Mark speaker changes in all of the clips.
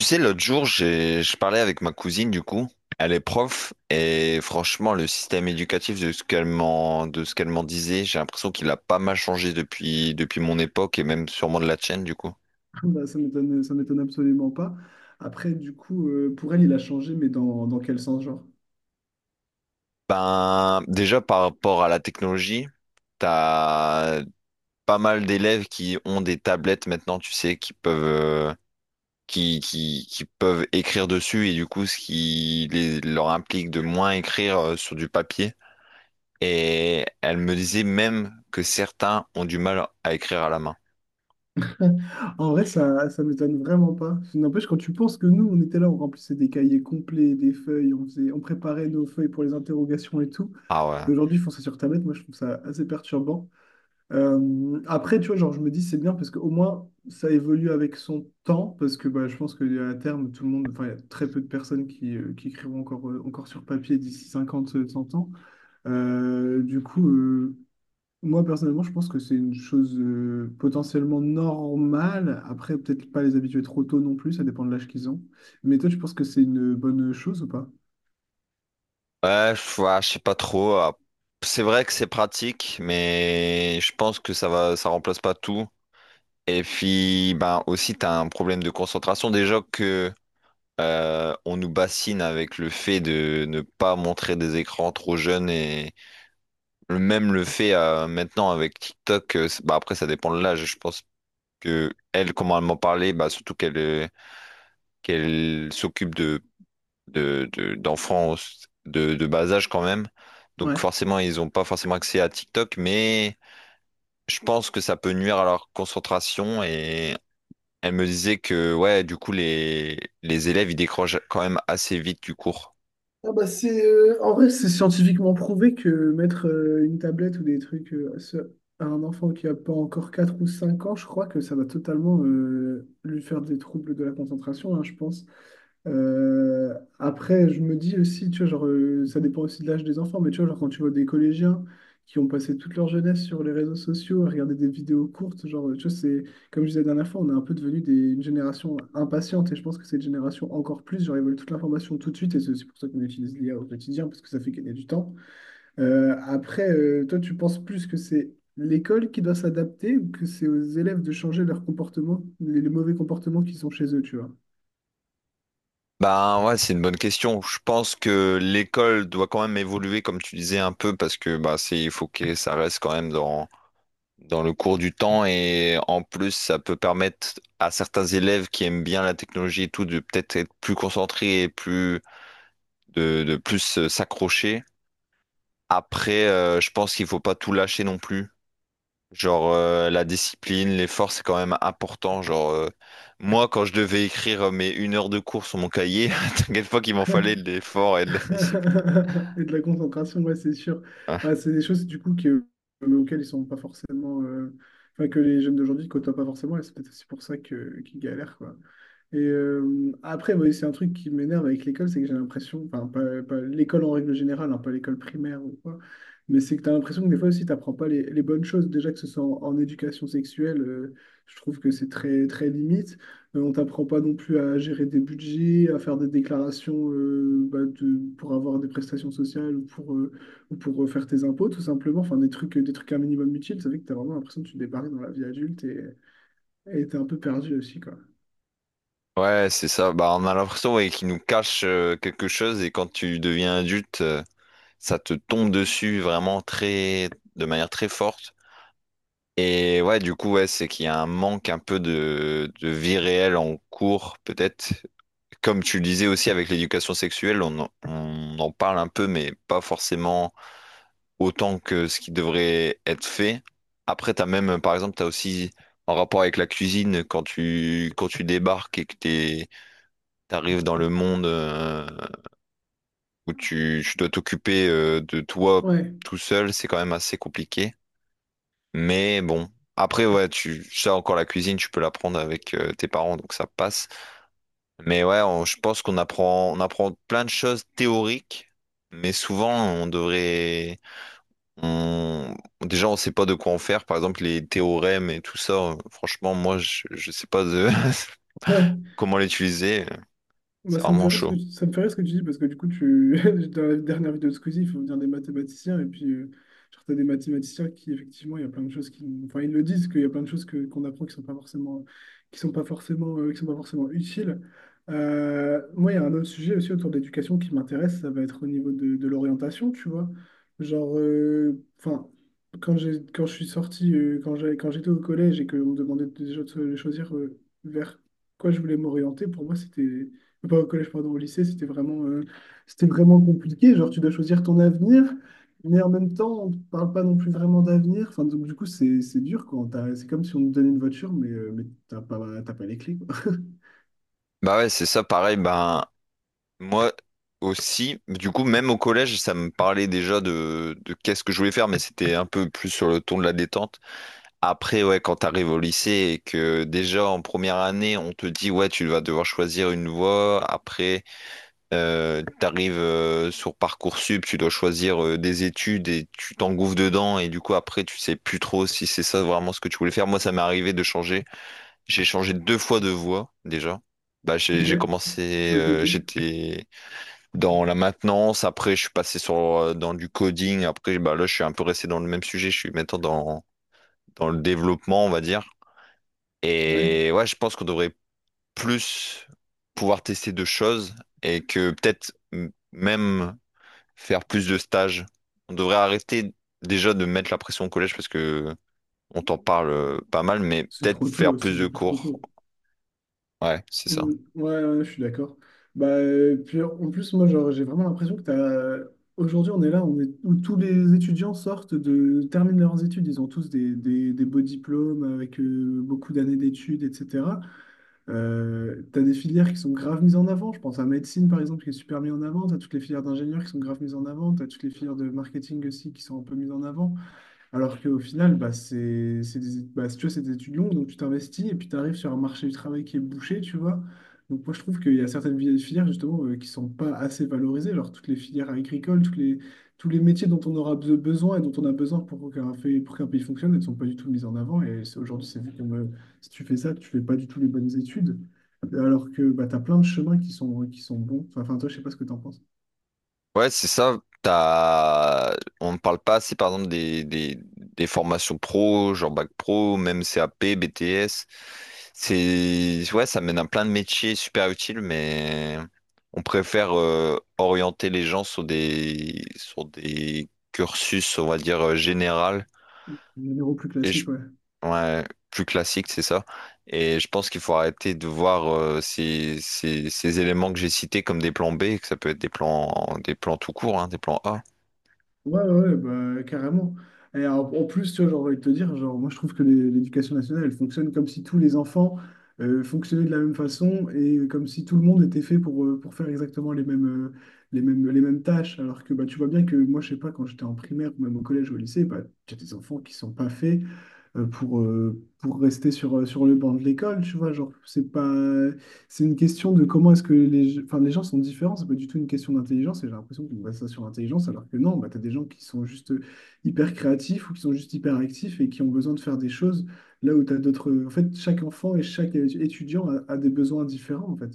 Speaker 1: Tu sais, l'autre jour, je parlais avec ma cousine, du coup. Elle est prof, et franchement, le système éducatif de ce qu'elle m'en disait, j'ai l'impression qu'il a pas mal changé depuis mon époque, et même sûrement de la tienne, du coup.
Speaker 2: Bah, ça m'étonne absolument pas. Après, du coup, pour elle, il a changé, mais dans quel sens, genre?
Speaker 1: Ben, déjà, par rapport à la technologie, t'as pas mal d'élèves qui ont des tablettes maintenant, tu sais, qui peuvent écrire dessus, et du coup, ce qui leur implique de moins écrire sur du papier. Et elle me disait même que certains ont du mal à écrire à la main.
Speaker 2: En vrai, ça m'étonne vraiment pas. N'empêche, quand tu penses que nous, on était là, on remplissait des cahiers complets, des feuilles, on préparait nos feuilles pour les interrogations et tout.
Speaker 1: Ah ouais.
Speaker 2: Et aujourd'hui, ils font ça sur tablette. Moi, je trouve ça assez perturbant. Après, tu vois, genre, je me dis, c'est bien parce qu'au moins, ça évolue avec son temps. Parce que bah, je pense qu'à terme, tout le monde, enfin, il y a très peu de personnes qui écrivont encore sur papier d'ici 50, 100 ans. Du coup, moi personnellement, je pense que c'est une chose potentiellement normale. Après, peut-être pas les habituer trop tôt non plus, ça dépend de l'âge qu'ils ont. Mais toi, tu penses que c'est une bonne chose ou pas?
Speaker 1: Ouais, je sais pas trop. C'est vrai que c'est pratique, mais je pense que ça remplace pas tout. Et puis, ben aussi, t'as un problème de concentration. Déjà que on nous bassine avec le fait de ne pas montrer des écrans trop jeunes et même le fait maintenant avec TikTok. Bah après, ça dépend de l'âge. Je pense que elle, comment elle m'en parlait, bah surtout qu'elle s'occupe d'enfants de bas âge quand même. Donc
Speaker 2: Ouais.
Speaker 1: forcément, ils n'ont pas forcément accès à TikTok, mais je pense que ça peut nuire à leur concentration. Et elle me disait que ouais, du coup, les élèves, ils décrochent quand même assez vite du cours.
Speaker 2: Ah bah c'est en vrai c'est scientifiquement prouvé que mettre une tablette ou des trucs à un enfant qui a pas encore 4 ou 5 ans, je crois que ça va totalement lui faire des troubles de la concentration, hein, je pense. Après, je me dis aussi, tu vois, genre, ça dépend aussi de l'âge des enfants, mais tu vois, genre, quand tu vois des collégiens qui ont passé toute leur jeunesse sur les réseaux sociaux à regarder des vidéos courtes, genre, tu vois, c'est, comme je disais la dernière fois, on est un peu devenu une génération impatiente, et je pense que cette génération encore plus, genre, ils veulent toute l'information tout de suite, et c'est aussi pour ça qu'on utilise l'IA au quotidien, parce que ça fait gagner du temps. Après, toi, tu penses plus que c'est l'école qui doit s'adapter, ou que c'est aux élèves de changer leur comportement, les mauvais comportements qu'ils ont chez eux, tu vois?
Speaker 1: Ben ouais, c'est une bonne question. Je pense que l'école doit quand même évoluer, comme tu disais un peu, parce que il faut que ça reste quand même dans le cours du temps, et en plus ça peut permettre à certains élèves qui aiment bien la technologie et tout de peut-être être plus concentrés et de plus s'accrocher. Après, je pense qu'il faut pas tout lâcher non plus. Genre la discipline, l'effort, c'est quand même important. Genre moi, quand je devais écrire mes une heure de cours sur mon cahier, t'inquiète pas qu'il m'en fallait de l'effort et de la discipline.
Speaker 2: Et de la concentration, ouais, c'est sûr.
Speaker 1: Ouais,
Speaker 2: Bah, c'est des choses du coup que, auxquelles ils sont pas forcément, enfin que les jeunes d'aujourd'hui ne côtoient pas forcément, et c'est peut-être aussi pour ça que qu'ils galèrent, quoi. Et après, ouais, c'est un truc qui m'énerve avec l'école, c'est que j'ai l'impression, enfin, pas l'école en règle générale, hein, pas l'école primaire ou quoi, mais c'est que tu as l'impression que des fois aussi, tu n'apprends pas les bonnes choses. Déjà que ce soit en éducation sexuelle, je trouve que c'est très, très limite. On t'apprend pas non plus à gérer des budgets, à faire des déclarations pour avoir des prestations sociales ou pour, faire tes impôts, tout simplement. Enfin, des trucs un minimum utiles, ça fait que tu as vraiment l'impression que tu débarques dans la vie adulte et t'es un peu perdu aussi, quoi.
Speaker 1: ouais, c'est ça. Bah, on a l'impression ouais, qu'il nous cache quelque chose, et quand tu deviens adulte, ça te tombe dessus de manière très forte. Et ouais, du coup, ouais, c'est qu'il y a un manque un peu de vie réelle en cours, peut-être. Comme tu le disais aussi avec l'éducation sexuelle, on en parle un peu, mais pas forcément autant que ce qui devrait être fait. Après, t'as même, par exemple, t'as aussi en rapport avec la cuisine, quand quand tu débarques et que t'arrives dans le monde où tu dois t'occuper de toi
Speaker 2: Ouais.
Speaker 1: tout seul, c'est quand même assez compliqué. Mais bon, après, ouais, tu ça encore la cuisine, tu peux l'apprendre avec tes parents, donc ça passe. Mais ouais, je pense on apprend plein de choses théoriques, mais souvent on, déjà on sait pas de quoi en faire. Par exemple, les théorèmes et tout ça, franchement, je sais pas de
Speaker 2: Ouais.
Speaker 1: comment l'utiliser.
Speaker 2: Bah,
Speaker 1: C'est
Speaker 2: ça me fait
Speaker 1: vraiment
Speaker 2: rire ce que
Speaker 1: chaud.
Speaker 2: tu, ça me fait rire ce que tu dis parce que du coup, tu, dans la dernière vidéo de Squeezie, il faut venir des mathématiciens et puis, genre, t'as des mathématiciens qui, effectivement, il y a plein de choses qui, enfin, ils le disent qu'il y a plein de choses qu'on apprend qui sont pas forcément, qui sont pas forcément, qui sont pas forcément utiles. Moi, il y a un autre sujet aussi autour de l'éducation qui m'intéresse, ça va être au niveau de l'orientation, tu vois. Genre, enfin, quand j'ai, quand je suis sorti, quand j'ai, quand j'étais au collège et qu'on me demandait déjà de choisir, vers quoi je voulais m'orienter, pour moi, c'était pas au collège, pardon, au lycée, c'était vraiment compliqué. Genre, tu dois choisir ton avenir, mais en même temps, on ne parle pas non plus vraiment d'avenir. Enfin, donc, du coup, c'est dur quoi c'est comme si on te donnait une voiture, mais, t'as pas les clés, quoi.
Speaker 1: Bah ouais, c'est ça, pareil. Ben moi aussi, du coup, même au collège, ça me parlait déjà de qu'est-ce que je voulais faire, mais c'était un peu plus sur le ton de la détente. Après, ouais, quand t'arrives au lycée et que déjà en première année, on te dit, ouais, tu vas devoir choisir une voie. Après, t'arrives sur Parcoursup, tu dois choisir des études et tu t'engouffres dedans. Et du coup, après, tu sais plus trop si c'est ça vraiment ce que tu voulais faire. Moi, ça m'est arrivé de changer. J'ai changé deux fois de voie déjà. Bah, j'ai
Speaker 2: Ok,
Speaker 1: j'ai commencé,
Speaker 2: ok, ok.
Speaker 1: j'étais dans la maintenance. Après, je suis passé sur dans du coding. Après, bah là, je suis un peu resté dans le même sujet. Je suis maintenant dans le développement, on va dire.
Speaker 2: Ouais,
Speaker 1: Et ouais, je pense qu'on devrait plus pouvoir tester de choses et que peut-être même faire plus de stages. On devrait arrêter déjà de mettre la pression au collège parce que on t'en parle pas mal, mais
Speaker 2: c'est
Speaker 1: peut-être
Speaker 2: trop
Speaker 1: faire
Speaker 2: tôt, c'est
Speaker 1: plus de
Speaker 2: beaucoup trop
Speaker 1: cours.
Speaker 2: tôt.
Speaker 1: Ouais, c'est ça.
Speaker 2: Mm, ouais, ouais, je suis d'accord. Bah, puis en plus, moi, genre, j'ai vraiment l'impression Aujourd'hui, on est là, on est... où tous les étudiants terminent leurs études. Ils ont tous des beaux diplômes avec beaucoup d'années d'études, etc. T'as des filières qui sont grave mises en avant. Je pense à médecine, par exemple, qui est super mise en avant. T'as toutes les filières d'ingénieurs qui sont grave mises en avant. T'as toutes les filières de marketing aussi qui sont un peu mises en avant. Alors qu'au final, bah, si tu vois, c'est des étudiants, donc tu t'investis et puis tu arrives sur un marché du travail qui est bouché, tu vois. Donc moi, je trouve qu'il y a certaines filières, justement, qui sont pas assez valorisées, genre toutes les filières agricoles, tous les métiers dont on aura besoin et dont on a besoin pour qu'un pour qu'un pays fonctionne, elles ne sont pas du tout mises en avant. Aujourd'hui, c'est vu comme si tu fais ça, tu fais pas du tout les bonnes études. Alors que bah, tu as plein de chemins qui sont bons. Enfin, toi, je sais pas ce que tu en penses.
Speaker 1: Ouais, c'est ça. T'as... On ne parle pas assez, par exemple, des formations pro, genre bac pro, même CAP, BTS. C'est... Ouais, ça mène à plein de métiers super utiles, mais on préfère orienter les gens sur des cursus, on va dire, général.
Speaker 2: Les numéros plus
Speaker 1: Et je...
Speaker 2: classiques, ouais.
Speaker 1: ouais, plus classique, c'est ça. Et je pense qu'il faut arrêter de voir ces éléments que j'ai cités comme des plans B, que ça peut être des plans tout court, hein, des plans A.
Speaker 2: Ouais, ouais, ouais, bah, carrément. Et en plus, tu vois, j'ai envie de te dire, genre, moi, je trouve que l'éducation nationale, elle fonctionne comme si tous les enfants fonctionnaient de la même façon et comme si tout le monde était fait pour, faire exactement les mêmes tâches. Alors que bah, tu vois bien que moi, je sais pas, quand j'étais en primaire ou même au collège ou au lycée, bah, tu as des enfants qui sont pas faits pour, rester sur le banc de l'école, tu vois. Genre, c'est pas, c'est une question de comment est-ce que les, enfin, les gens sont différents. C'est pas du tout une question d'intelligence. Et j'ai l'impression qu'on base ça sur l'intelligence, alors que non, bah, tu as des gens qui sont juste hyper créatifs ou qui sont juste hyper actifs et qui ont besoin de faire des choses là où tu as d'autres. En fait, chaque enfant et chaque étudiant a des besoins différents, en fait.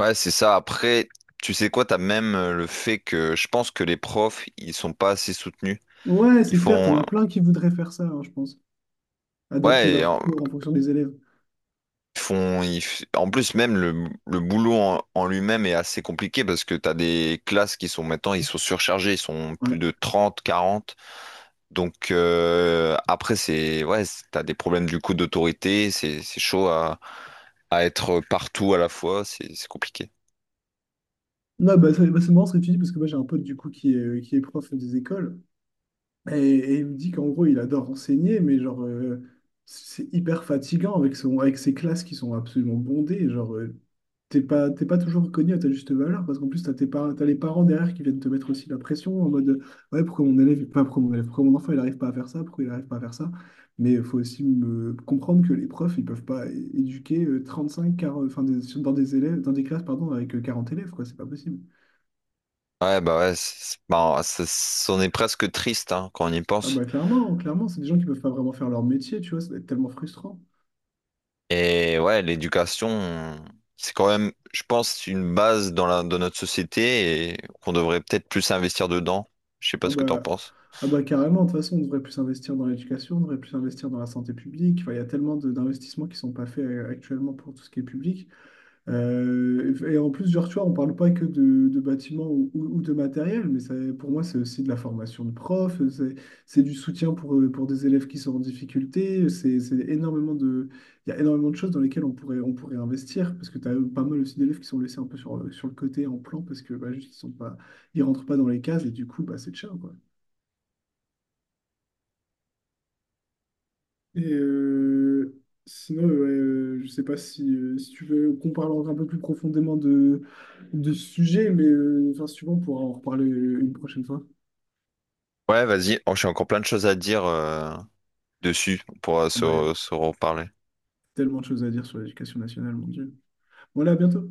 Speaker 1: Ouais, c'est ça. Après, tu sais quoi, t'as même le fait que je pense que les profs, ils sont pas assez soutenus.
Speaker 2: Ouais,
Speaker 1: Ils
Speaker 2: c'est clair, t'en
Speaker 1: font,
Speaker 2: as plein qui voudraient faire ça, hein, je pense. Adapter
Speaker 1: ouais, et
Speaker 2: leurs
Speaker 1: en-
Speaker 2: cours en fonction des élèves.
Speaker 1: ils font, ils f- En plus, même le boulot en lui-même est assez compliqué parce que t'as des classes qui sont maintenant, ils sont surchargés, ils sont plus
Speaker 2: Ouais.
Speaker 1: de 30, 40. Donc après, ouais, t'as des problèmes du coup d'autorité, c'est chaud à être partout à la fois, c'est compliqué.
Speaker 2: Non, bah, c'est marrant ce que tu dis, parce que moi j'ai un pote du coup qui est prof des écoles. Et il me dit qu'en gros, il adore enseigner, mais genre, c'est hyper fatigant avec ses classes qui sont absolument bondées. Genre, t'es pas toujours reconnu à ta juste valeur, parce qu'en plus, t'as tes parents, t'as les parents derrière qui viennent te mettre aussi la pression en mode, ouais, pourquoi mon élève, pas pourquoi mon élève, pourquoi mon enfant, il n'arrive pas à faire ça, pourquoi il n'arrive pas à faire ça. Mais il faut aussi me comprendre que les profs, ils peuvent pas éduquer 35, 40, enfin, dans des élèves, dans des classes, pardon, avec 40 élèves, quoi, c'est pas possible.
Speaker 1: Ouais, bah ouais, bah, c'en est presque triste hein, quand on y
Speaker 2: Ah
Speaker 1: pense.
Speaker 2: bah clairement, clairement, c'est des gens qui peuvent pas vraiment faire leur métier, tu vois, ça doit être tellement frustrant.
Speaker 1: Et ouais, l'éducation, c'est quand même, je pense, une base dans dans notre société, et qu'on devrait peut-être plus investir dedans. Je sais pas
Speaker 2: Ah
Speaker 1: ce que t'en
Speaker 2: bah,
Speaker 1: penses.
Speaker 2: ah bah, carrément, de toute façon, on devrait plus investir dans l'éducation, on devrait plus investir dans la santé publique. Enfin, il y a tellement d'investissements qui sont pas faits actuellement pour tout ce qui est public. Et en plus, genre, tu vois, on parle pas que de bâtiments ou, ou de matériel, mais ça, pour moi, c'est aussi de la formation de profs, c'est du soutien pour des élèves qui sont en difficulté, c'est énormément de, il y a énormément de choses dans lesquelles on pourrait investir, parce que tu as pas mal aussi d'élèves qui sont laissés un peu sur le côté en plan, parce que bah, juste, ils sont pas, ils rentrent pas dans les cases, et du coup, bah, c'est cher, Et sinon, ouais, je sais pas si tu veux qu'on parle encore un peu plus profondément de ce sujet, mais enfin, si tu veux, on pourra en reparler une prochaine fois.
Speaker 1: Ouais, vas-y. Oh, j'ai encore plein de choses à dire dessus. On pourra
Speaker 2: Ah bah, il y a
Speaker 1: se reparler.
Speaker 2: tellement de choses à dire sur l'éducation nationale, mon Dieu. Voilà, à bientôt.